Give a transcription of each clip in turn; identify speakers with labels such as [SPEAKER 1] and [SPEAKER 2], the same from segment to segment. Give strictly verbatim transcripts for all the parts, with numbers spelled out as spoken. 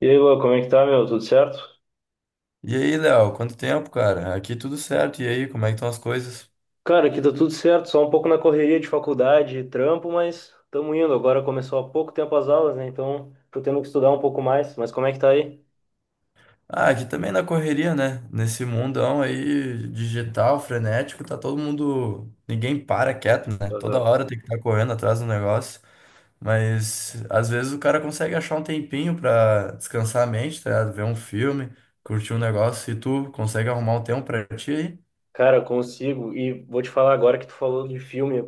[SPEAKER 1] E aí, Lua, como é que tá, meu? Tudo certo?
[SPEAKER 2] E aí, Léo, quanto tempo, cara? Aqui tudo certo. E aí, como é que estão as coisas?
[SPEAKER 1] Cara, aqui tá tudo certo, só um pouco na correria de faculdade e trampo, mas tamo indo. Agora começou há pouco tempo as aulas, né? Então tô tendo que estudar um pouco mais, mas como é que tá aí?
[SPEAKER 2] Ah, aqui também na correria, né? Nesse mundão aí digital, frenético, tá todo mundo. Ninguém para quieto, né? Toda
[SPEAKER 1] Aham.
[SPEAKER 2] hora tem que estar correndo atrás do negócio. Mas às vezes o cara consegue achar um tempinho pra descansar a mente, tá ligado? Ver um filme, curtir um negócio. E tu consegue arrumar um tempo pra ti aí?
[SPEAKER 1] Cara, consigo. E vou te falar agora que tu falou de filme.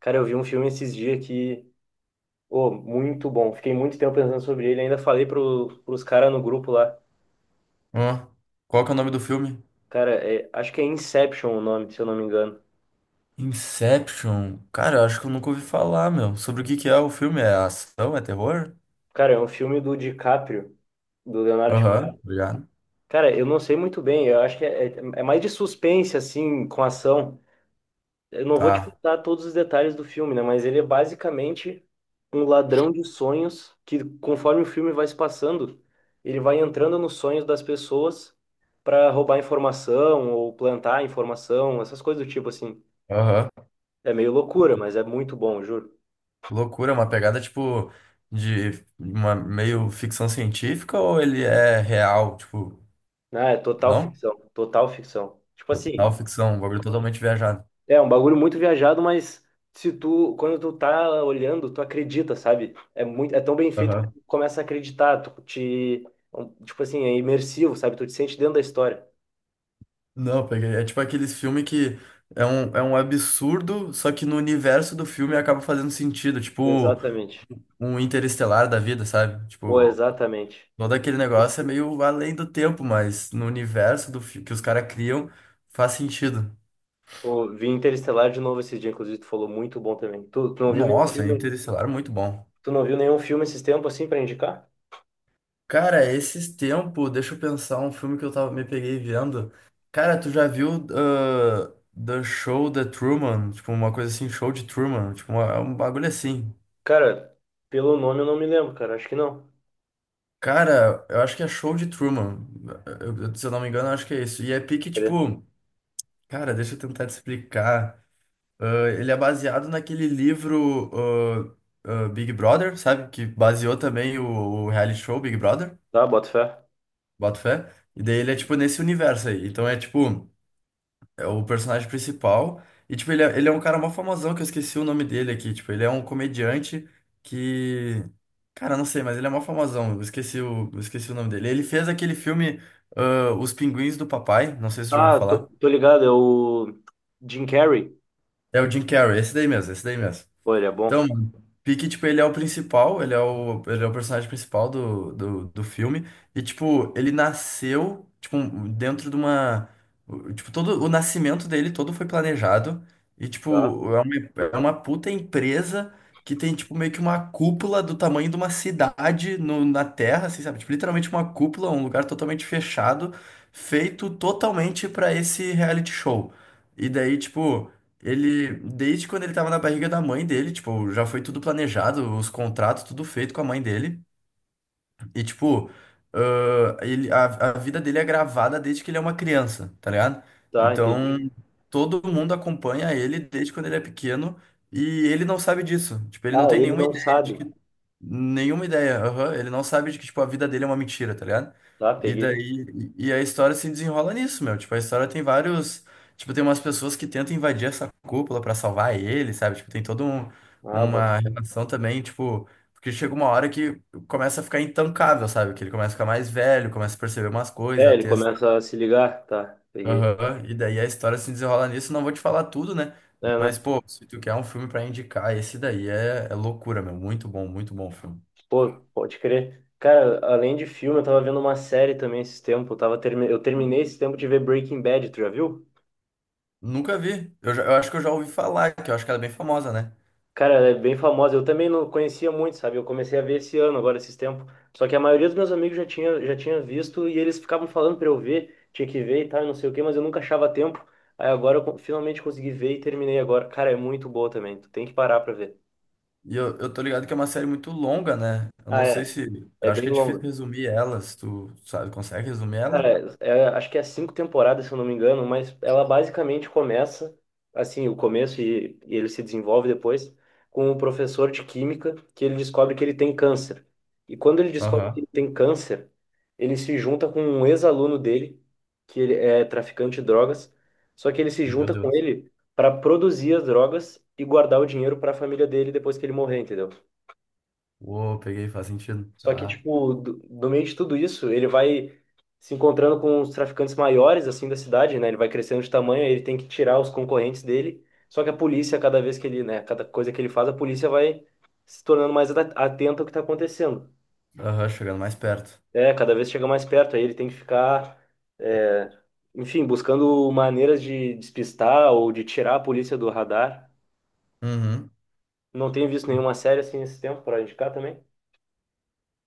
[SPEAKER 1] Cara, eu vi um filme esses dias que, oh muito bom. Fiquei muito tempo pensando sobre ele, ainda falei pro, pros caras no grupo lá.
[SPEAKER 2] Ó, qual que é o nome do filme?
[SPEAKER 1] Cara, é- acho que é Inception o nome, se eu não me engano.
[SPEAKER 2] Inception? Cara, eu acho que eu nunca ouvi falar, meu. Sobre o que que é o filme? É ação? É terror?
[SPEAKER 1] Cara, é um filme do DiCaprio, do Leonardo.
[SPEAKER 2] Aham, obrigado.
[SPEAKER 1] Cara, eu não sei muito bem. Eu acho que é, é é mais de suspense, assim, com ação. Eu não vou te
[SPEAKER 2] Tá.
[SPEAKER 1] contar todos os detalhes do filme, né? Mas ele é basicamente um ladrão de sonhos que, conforme o filme vai se passando, ele vai entrando nos sonhos das pessoas para roubar informação ou plantar informação, essas coisas do tipo, assim.
[SPEAKER 2] Aham.
[SPEAKER 1] É meio loucura, mas é muito bom, juro.
[SPEAKER 2] Loucura, é uma pegada tipo de uma meio ficção científica ou ele é real? Tipo,
[SPEAKER 1] Ah, é total
[SPEAKER 2] não?
[SPEAKER 1] ficção, total ficção. Tipo assim,
[SPEAKER 2] Total ficção, um bagulho totalmente viajado.
[SPEAKER 1] é um bagulho muito viajado, mas se tu, quando tu tá olhando, tu acredita, sabe? É muito, é tão bem feito que
[SPEAKER 2] Aham.
[SPEAKER 1] tu começa a acreditar, tu te, um, tipo assim, é imersivo, sabe? Tu te sente dentro da história.
[SPEAKER 2] Não, eu peguei. É tipo aqueles filmes que é um, é um absurdo, só que no universo do filme acaba fazendo sentido. Tipo,
[SPEAKER 1] Exatamente.
[SPEAKER 2] um interestelar da vida, sabe?
[SPEAKER 1] Pô,
[SPEAKER 2] Tipo,
[SPEAKER 1] exatamente.
[SPEAKER 2] todo aquele negócio é meio além do tempo, mas no universo do fi- que os caras criam faz sentido.
[SPEAKER 1] Pô, vi Interestelar de novo esse dia, inclusive tu falou muito bom também. Tu, tu não viu nenhum
[SPEAKER 2] Nossa,
[SPEAKER 1] filme,
[SPEAKER 2] interestelar é muito bom.
[SPEAKER 1] tu não viu nenhum filme esses tempos assim pra indicar?
[SPEAKER 2] Cara, esses tempos, deixa eu pensar, um filme que eu tava, me peguei vendo. Cara, tu já viu ah, The Show The Truman? Tipo, uma coisa assim, Show de Truman. Tipo, uma- é um bagulho assim.
[SPEAKER 1] Cara, pelo nome eu não me lembro, cara, acho que não.
[SPEAKER 2] Cara, eu acho que é Show de Truman. Eu- eu- se eu não me engano, eu acho que é isso. E é pique,
[SPEAKER 1] Deixa eu ver.
[SPEAKER 2] tipo... Cara, deixa eu tentar te explicar. Ah, ele é baseado naquele livro ah, ah, Big Brother, sabe? Que baseou também o, o reality show Big Brother,
[SPEAKER 1] Tá, bota fé.
[SPEAKER 2] boto fé. E daí ele é, tipo, nesse universo aí. Então é, tipo... é o personagem principal. E, tipo, ele é, ele é um cara mó famosão, que eu esqueci o nome dele aqui. Tipo, ele é um comediante que. Cara, eu não sei, mas ele é mó famosão. Eu esqueci o, eu esqueci o nome dele. Ele fez aquele filme ah, Os Pinguins do Papai. Não sei se você já ouviu
[SPEAKER 1] Ah, tô,
[SPEAKER 2] falar.
[SPEAKER 1] tô ligado, é o Jim Carrey.
[SPEAKER 2] É o Jim Carrey, esse daí mesmo, esse daí mesmo.
[SPEAKER 1] Pô, ele é bom.
[SPEAKER 2] Então, mano, pique, tipo, ele é o principal, ele é o, ele é o personagem principal do, do, do filme. E, tipo, ele nasceu, tipo, um- dentro de uma. O- Tipo, todo o nascimento dele todo foi planejado. E,
[SPEAKER 1] Tá.
[SPEAKER 2] tipo, é uma, é uma puta empresa que tem, tipo, meio que uma cúpula do tamanho de uma cidade no, na Terra, assim, sabe? Tipo, literalmente uma cúpula, um lugar totalmente fechado, feito totalmente pra esse reality show. E daí, tipo. Ele, desde quando ele tava na barriga da mãe dele, tipo, já foi tudo planejado, os contratos, tudo feito com a mãe dele. E, tipo, ãh, ele, a, a vida dele é gravada desde que ele é uma criança, tá ligado?
[SPEAKER 1] Tá,
[SPEAKER 2] Então,
[SPEAKER 1] entendi.
[SPEAKER 2] todo mundo acompanha ele desde quando ele é pequeno e ele não sabe disso. Tipo, ele não
[SPEAKER 1] Ah,
[SPEAKER 2] tem
[SPEAKER 1] ele
[SPEAKER 2] nenhuma
[SPEAKER 1] não
[SPEAKER 2] ideia de
[SPEAKER 1] sabe.
[SPEAKER 2] que. Nenhuma ideia, aham. Ele não sabe de que, tipo, a vida dele é uma mentira, tá ligado?
[SPEAKER 1] Tá,
[SPEAKER 2] E
[SPEAKER 1] peguei.
[SPEAKER 2] daí. E e a história se desenrola nisso, meu. Tipo, a história tem vários. Tipo, tem umas pessoas que tentam invadir essa cúpula pra salvar ele, sabe? Tipo, tem todo um,
[SPEAKER 1] Ah, bota
[SPEAKER 2] uma
[SPEAKER 1] fé.
[SPEAKER 2] relação também, tipo. Porque chega uma hora que começa a ficar intancável, sabe? Que ele começa a ficar mais velho, começa a perceber umas coisas,
[SPEAKER 1] É,
[SPEAKER 2] a
[SPEAKER 1] ele
[SPEAKER 2] ter... essa-
[SPEAKER 1] começa a se ligar. Tá, peguei.
[SPEAKER 2] Aham, e daí a história se desenrola nisso. Não vou te falar tudo, né?
[SPEAKER 1] É,
[SPEAKER 2] Mas,
[SPEAKER 1] não.
[SPEAKER 2] pô, se tu quer um filme pra indicar, esse daí é, é loucura, meu. Muito bom, muito bom o filme.
[SPEAKER 1] Pô, pode crer. Cara, além de filme, eu tava vendo uma série também esse tempo. Eu, tava termi... eu terminei esse tempo de ver Breaking Bad, tu já viu?
[SPEAKER 2] Nunca vi. Eu, já- eu acho que eu já ouvi falar, que eu acho que ela é bem famosa, né?
[SPEAKER 1] Cara, ela é bem famosa. Eu também não conhecia muito, sabe? Eu comecei a ver esse ano, agora, esses tempos. Só que a maioria dos meus amigos já tinha, já tinha visto e eles ficavam falando pra eu ver, tinha que ver e tal, e não sei o quê, mas eu nunca achava tempo. Aí agora eu co- finalmente consegui ver e terminei agora. Cara, é muito boa também. Tu tem que parar pra ver.
[SPEAKER 2] E eu, eu tô ligado que é uma série muito longa, né? Eu
[SPEAKER 1] Ah,
[SPEAKER 2] não sei
[SPEAKER 1] é.
[SPEAKER 2] se...
[SPEAKER 1] É
[SPEAKER 2] Eu acho
[SPEAKER 1] bem
[SPEAKER 2] que é difícil
[SPEAKER 1] longa.
[SPEAKER 2] resumir ela, se tu, sabe, consegue resumir ela?
[SPEAKER 1] Cara, é- acho que é cinco temporadas, se eu não me engano, mas ela basicamente começa, assim, o começo e, e ele se desenvolve depois, com um professor de química que ele descobre que ele tem câncer. E quando ele descobre que
[SPEAKER 2] Aham.
[SPEAKER 1] ele tem câncer, ele se junta com um ex-aluno dele, que ele é traficante de drogas, só que ele se
[SPEAKER 2] Meu
[SPEAKER 1] junta com
[SPEAKER 2] Deus.
[SPEAKER 1] ele para produzir as drogas e guardar o dinheiro para a família dele depois que ele morrer, entendeu?
[SPEAKER 2] Uou, peguei, faz sentido.
[SPEAKER 1] Só que,
[SPEAKER 2] Tá.
[SPEAKER 1] tipo, do, do meio de tudo isso, ele vai se encontrando com os traficantes maiores, assim, da cidade, né? Ele vai crescendo de tamanho, aí ele tem que tirar os concorrentes dele. Só que a polícia, cada vez que ele, né, cada coisa que ele faz, a polícia vai se tornando mais ata- atenta ao que tá acontecendo.
[SPEAKER 2] Aham, chegando mais perto.
[SPEAKER 1] É, cada vez chega mais perto, aí ele tem que ficar, é, enfim, buscando maneiras de despistar ou de tirar a polícia do radar.
[SPEAKER 2] Uhum.
[SPEAKER 1] Não tenho visto nenhuma série assim nesse tempo pra indicar também.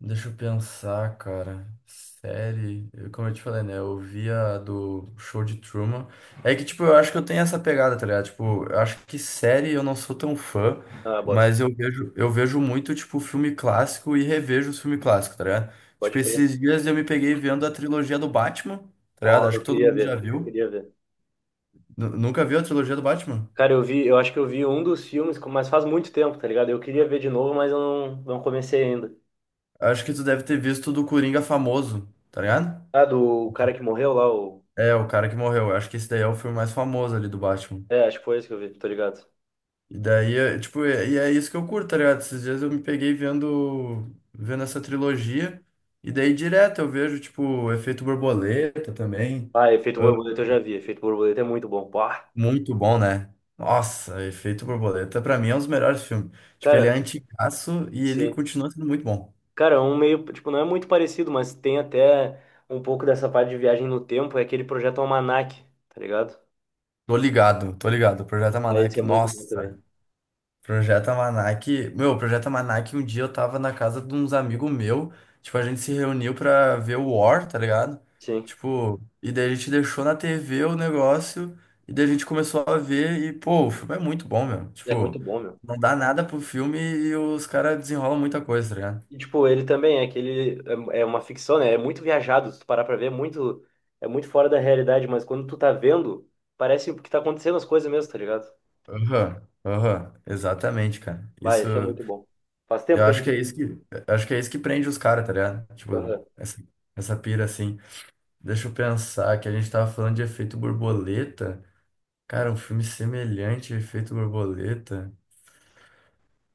[SPEAKER 2] Deixa eu pensar, cara. Série, eu- como eu te falei, né? Eu via do Show de Truman. É que, tipo, eu acho que eu tenho essa pegada, tá ligado? Tipo, eu acho que série eu não sou tão fã,
[SPEAKER 1] Ah, bota.
[SPEAKER 2] mas eu vejo, eu vejo muito, tipo, filme clássico e revejo os filmes clássicos, tá ligado? Tipo,
[SPEAKER 1] Pode crer.
[SPEAKER 2] esses dias eu me peguei vendo a trilogia do Batman, tá ligado?
[SPEAKER 1] Ó,
[SPEAKER 2] Acho
[SPEAKER 1] eu
[SPEAKER 2] que todo
[SPEAKER 1] queria
[SPEAKER 2] mundo
[SPEAKER 1] ver,
[SPEAKER 2] já
[SPEAKER 1] eu
[SPEAKER 2] viu.
[SPEAKER 1] queria ver.
[SPEAKER 2] Nu- nunca viu a trilogia do Batman?
[SPEAKER 1] Cara, eu vi, eu acho que eu vi um dos filmes, mas faz muito tempo, tá ligado? Eu queria ver de novo, mas eu não, não comecei ainda.
[SPEAKER 2] Acho que tu deve ter visto do Coringa famoso, tá ligado?
[SPEAKER 1] Ah, do cara que morreu lá, o...
[SPEAKER 2] É, o cara que morreu. Eu acho que esse daí é o filme mais famoso ali do Batman.
[SPEAKER 1] É, acho que foi esse que eu vi, tô ligado.
[SPEAKER 2] E daí, é, tipo, é- e é isso que eu curto, tá ligado? Esses dias eu me peguei vendo, vendo essa trilogia, e daí direto eu vejo, tipo, o Efeito Borboleta também.
[SPEAKER 1] Ah, Efeito
[SPEAKER 2] Ah,
[SPEAKER 1] Borboleta eu já vi, Efeito Borboleta é muito bom. Pá.
[SPEAKER 2] muito bom, né? Nossa, Efeito Borboleta, pra mim, é um dos melhores filmes. Tipo, ele é
[SPEAKER 1] Cara,
[SPEAKER 2] antigaço e ele
[SPEAKER 1] sim.
[SPEAKER 2] continua sendo muito bom.
[SPEAKER 1] Cara, um meio, tipo, não é muito parecido, mas tem até um pouco dessa parte de viagem no tempo, é aquele projeto Almanac, tá ligado?
[SPEAKER 2] Tô ligado, tô ligado. O Projeto
[SPEAKER 1] Ah, esse é
[SPEAKER 2] Almanac,
[SPEAKER 1] muito bom
[SPEAKER 2] nossa.
[SPEAKER 1] também.
[SPEAKER 2] Projeto Almanac. Meu, Projeto Almanac, um dia eu tava na casa de uns amigos meu, tipo, a gente se reuniu pra ver o War, tá ligado?
[SPEAKER 1] Sim,
[SPEAKER 2] Tipo, e daí a gente deixou na T V o negócio, e daí a gente começou a ver, e pô, o filme é muito bom, meu.
[SPEAKER 1] é muito
[SPEAKER 2] Tipo,
[SPEAKER 1] bom, meu.
[SPEAKER 2] não dá nada pro filme e os caras desenrolam muita coisa, tá ligado?
[SPEAKER 1] E, tipo, ele também é aquele. É é uma ficção, né? É muito viajado. Se tu parar pra ver, é muito, é muito fora da realidade. Mas quando tu tá vendo, parece que tá acontecendo as coisas mesmo, tá ligado?
[SPEAKER 2] Aham, aham, exatamente, cara.
[SPEAKER 1] Vai,
[SPEAKER 2] Isso,
[SPEAKER 1] esse é muito bom. Faz tempo
[SPEAKER 2] eu
[SPEAKER 1] também
[SPEAKER 2] acho
[SPEAKER 1] que
[SPEAKER 2] que é
[SPEAKER 1] eu
[SPEAKER 2] isso
[SPEAKER 1] vi.
[SPEAKER 2] que, eu acho que é isso que prende os caras, tá ligado? Tipo,
[SPEAKER 1] Aham,
[SPEAKER 2] essa, essa pira assim. Deixa eu pensar que a gente tava falando de Efeito Borboleta. Cara, um filme semelhante a Efeito Borboleta.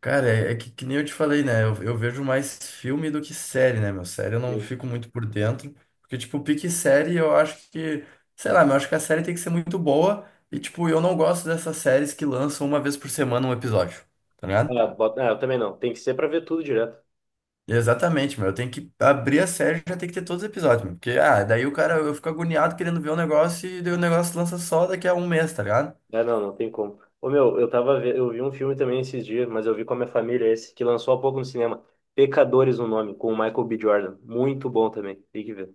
[SPEAKER 2] Cara, é, é que, que nem eu te falei, né? Eu, eu vejo mais filme do que série, né, meu? Série eu não
[SPEAKER 1] sim.
[SPEAKER 2] fico muito por dentro. Porque, tipo, pique série eu acho que. Sei lá, eu acho que a série tem que ser muito boa. E, tipo, eu não gosto dessas séries que lançam uma vez por semana um episódio. Tá
[SPEAKER 1] Ah,
[SPEAKER 2] ligado?
[SPEAKER 1] bota... ah, eu também não. Tem que ser pra ver tudo direto.
[SPEAKER 2] Exatamente, meu. Eu tenho que abrir a série e já tem que ter todos os episódios, meu. Porque, ah, daí o cara, eu fico agoniado querendo ver o negócio e daí o negócio lança só daqui a um mês, tá ligado?
[SPEAKER 1] É, não, não tem como. Ô, meu, eu tava ve... eu vi um filme também esses dias, mas eu vi com a minha família esse, que lançou há pouco no cinema. Pecadores, o nome, com o Michael B. Jordan. Muito bom também. Tem que ver.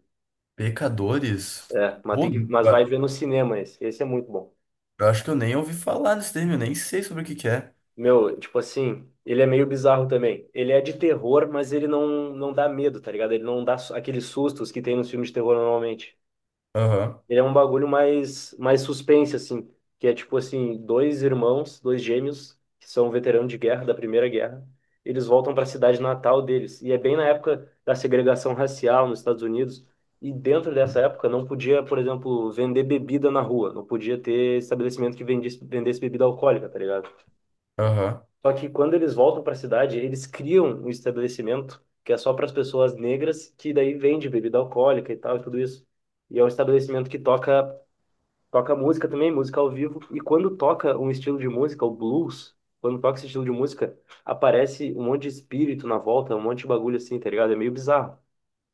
[SPEAKER 2] Pecadores?
[SPEAKER 1] É, mas,
[SPEAKER 2] Pô,
[SPEAKER 1] tem que...
[SPEAKER 2] eu
[SPEAKER 1] mas vai ver no cinema esse. Esse é muito bom.
[SPEAKER 2] eu acho que eu nem ouvi falar desse termo, eu nem sei sobre o que que é.
[SPEAKER 1] Meu, tipo assim, ele é meio bizarro também. Ele é de terror, mas ele não, não dá medo, tá ligado? Ele não dá su- Aqueles sustos que tem nos filmes de terror normalmente.
[SPEAKER 2] Aham,
[SPEAKER 1] Ele é um bagulho mais, mais suspense, assim. Que é tipo assim, dois irmãos, dois gêmeos, que são veteranos de guerra, da Primeira Guerra. Eles voltam para a cidade natal deles. E é bem na época da segregação racial nos Estados Unidos. E dentro dessa época não podia, por exemplo, vender bebida na rua. Não podia ter estabelecimento que vendesse, vendesse bebida alcoólica, tá ligado?
[SPEAKER 2] aham.
[SPEAKER 1] Só que quando eles voltam para a cidade, eles criam um estabelecimento que é só para as pessoas negras, que daí vende bebida alcoólica e tal e tudo isso. E é um estabelecimento que toca toca música também, música ao vivo. E quando toca um estilo de música, o blues, quando toca esse estilo de música, aparece um monte de espírito na volta, um monte de bagulho assim, tá ligado? É meio bizarro.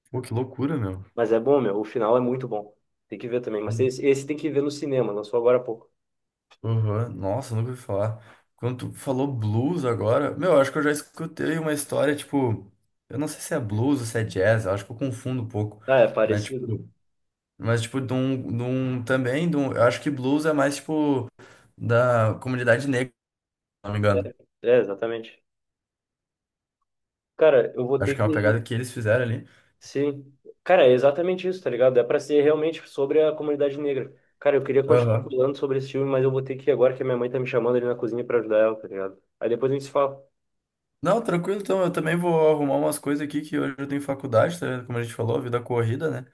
[SPEAKER 2] Pô, que loucura, meu.
[SPEAKER 1] Mas é bom, meu. O final é muito bom. Tem que ver também. Mas
[SPEAKER 2] Hum,
[SPEAKER 1] esse, esse tem que ver no cinema, lançou agora há pouco.
[SPEAKER 2] Aham, nossa, nunca ouvi falar. Quando tu falou blues agora, meu, eu acho que eu já escutei uma história, tipo, eu não sei se é blues ou se é jazz, eu acho que eu confundo um pouco.
[SPEAKER 1] Ah, é
[SPEAKER 2] Mas,
[SPEAKER 1] parecido?
[SPEAKER 2] tipo, mas, tipo, de um, de um- também, de um- eu acho que blues é mais, tipo, da comunidade negra, se não me
[SPEAKER 1] É,
[SPEAKER 2] engano.
[SPEAKER 1] é exatamente. Cara, eu vou
[SPEAKER 2] Acho
[SPEAKER 1] ter
[SPEAKER 2] que é uma pegada
[SPEAKER 1] que.
[SPEAKER 2] que eles fizeram ali.
[SPEAKER 1] Sim. Cara, é exatamente isso, tá ligado? É pra ser realmente sobre a comunidade negra. Cara, eu queria continuar
[SPEAKER 2] Aham.
[SPEAKER 1] falando sobre esse filme, mas eu vou ter que ir agora que a minha mãe tá me chamando ali na cozinha pra ajudar ela, tá ligado? Aí depois a gente se fala.
[SPEAKER 2] Não, tranquilo, então eu também vou arrumar umas coisas aqui que hoje eu tenho faculdade, tá? Como a gente falou, vida corrida, né?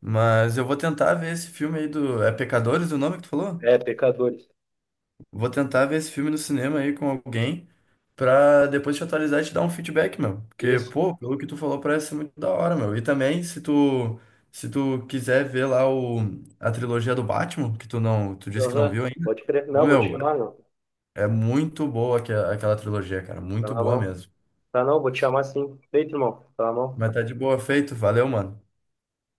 [SPEAKER 2] Mas eu vou tentar ver esse filme aí do. É Pecadores o nome que tu falou?
[SPEAKER 1] É, pecadores.
[SPEAKER 2] Vou tentar ver esse filme no cinema aí com alguém pra depois te atualizar e te dar um feedback, meu. Porque,
[SPEAKER 1] Isso.
[SPEAKER 2] pô, pelo que tu falou, parece ser muito da hora, meu. E também, se tu, se tu quiser ver lá o, a trilogia do Batman, que tu não, tu disse que não viu
[SPEAKER 1] Aham.
[SPEAKER 2] ainda,
[SPEAKER 1] Pode crer.
[SPEAKER 2] ô,
[SPEAKER 1] Não, vou te
[SPEAKER 2] meu,
[SPEAKER 1] chamar, não.
[SPEAKER 2] é muito boa aque- aquela trilogia, cara.
[SPEAKER 1] Tá
[SPEAKER 2] Muito
[SPEAKER 1] na
[SPEAKER 2] boa
[SPEAKER 1] mão.
[SPEAKER 2] mesmo.
[SPEAKER 1] Tá não, vou te chamar sim. Feito, irmão. Tá na mão.
[SPEAKER 2] Mas tá de boa feito, valeu, mano.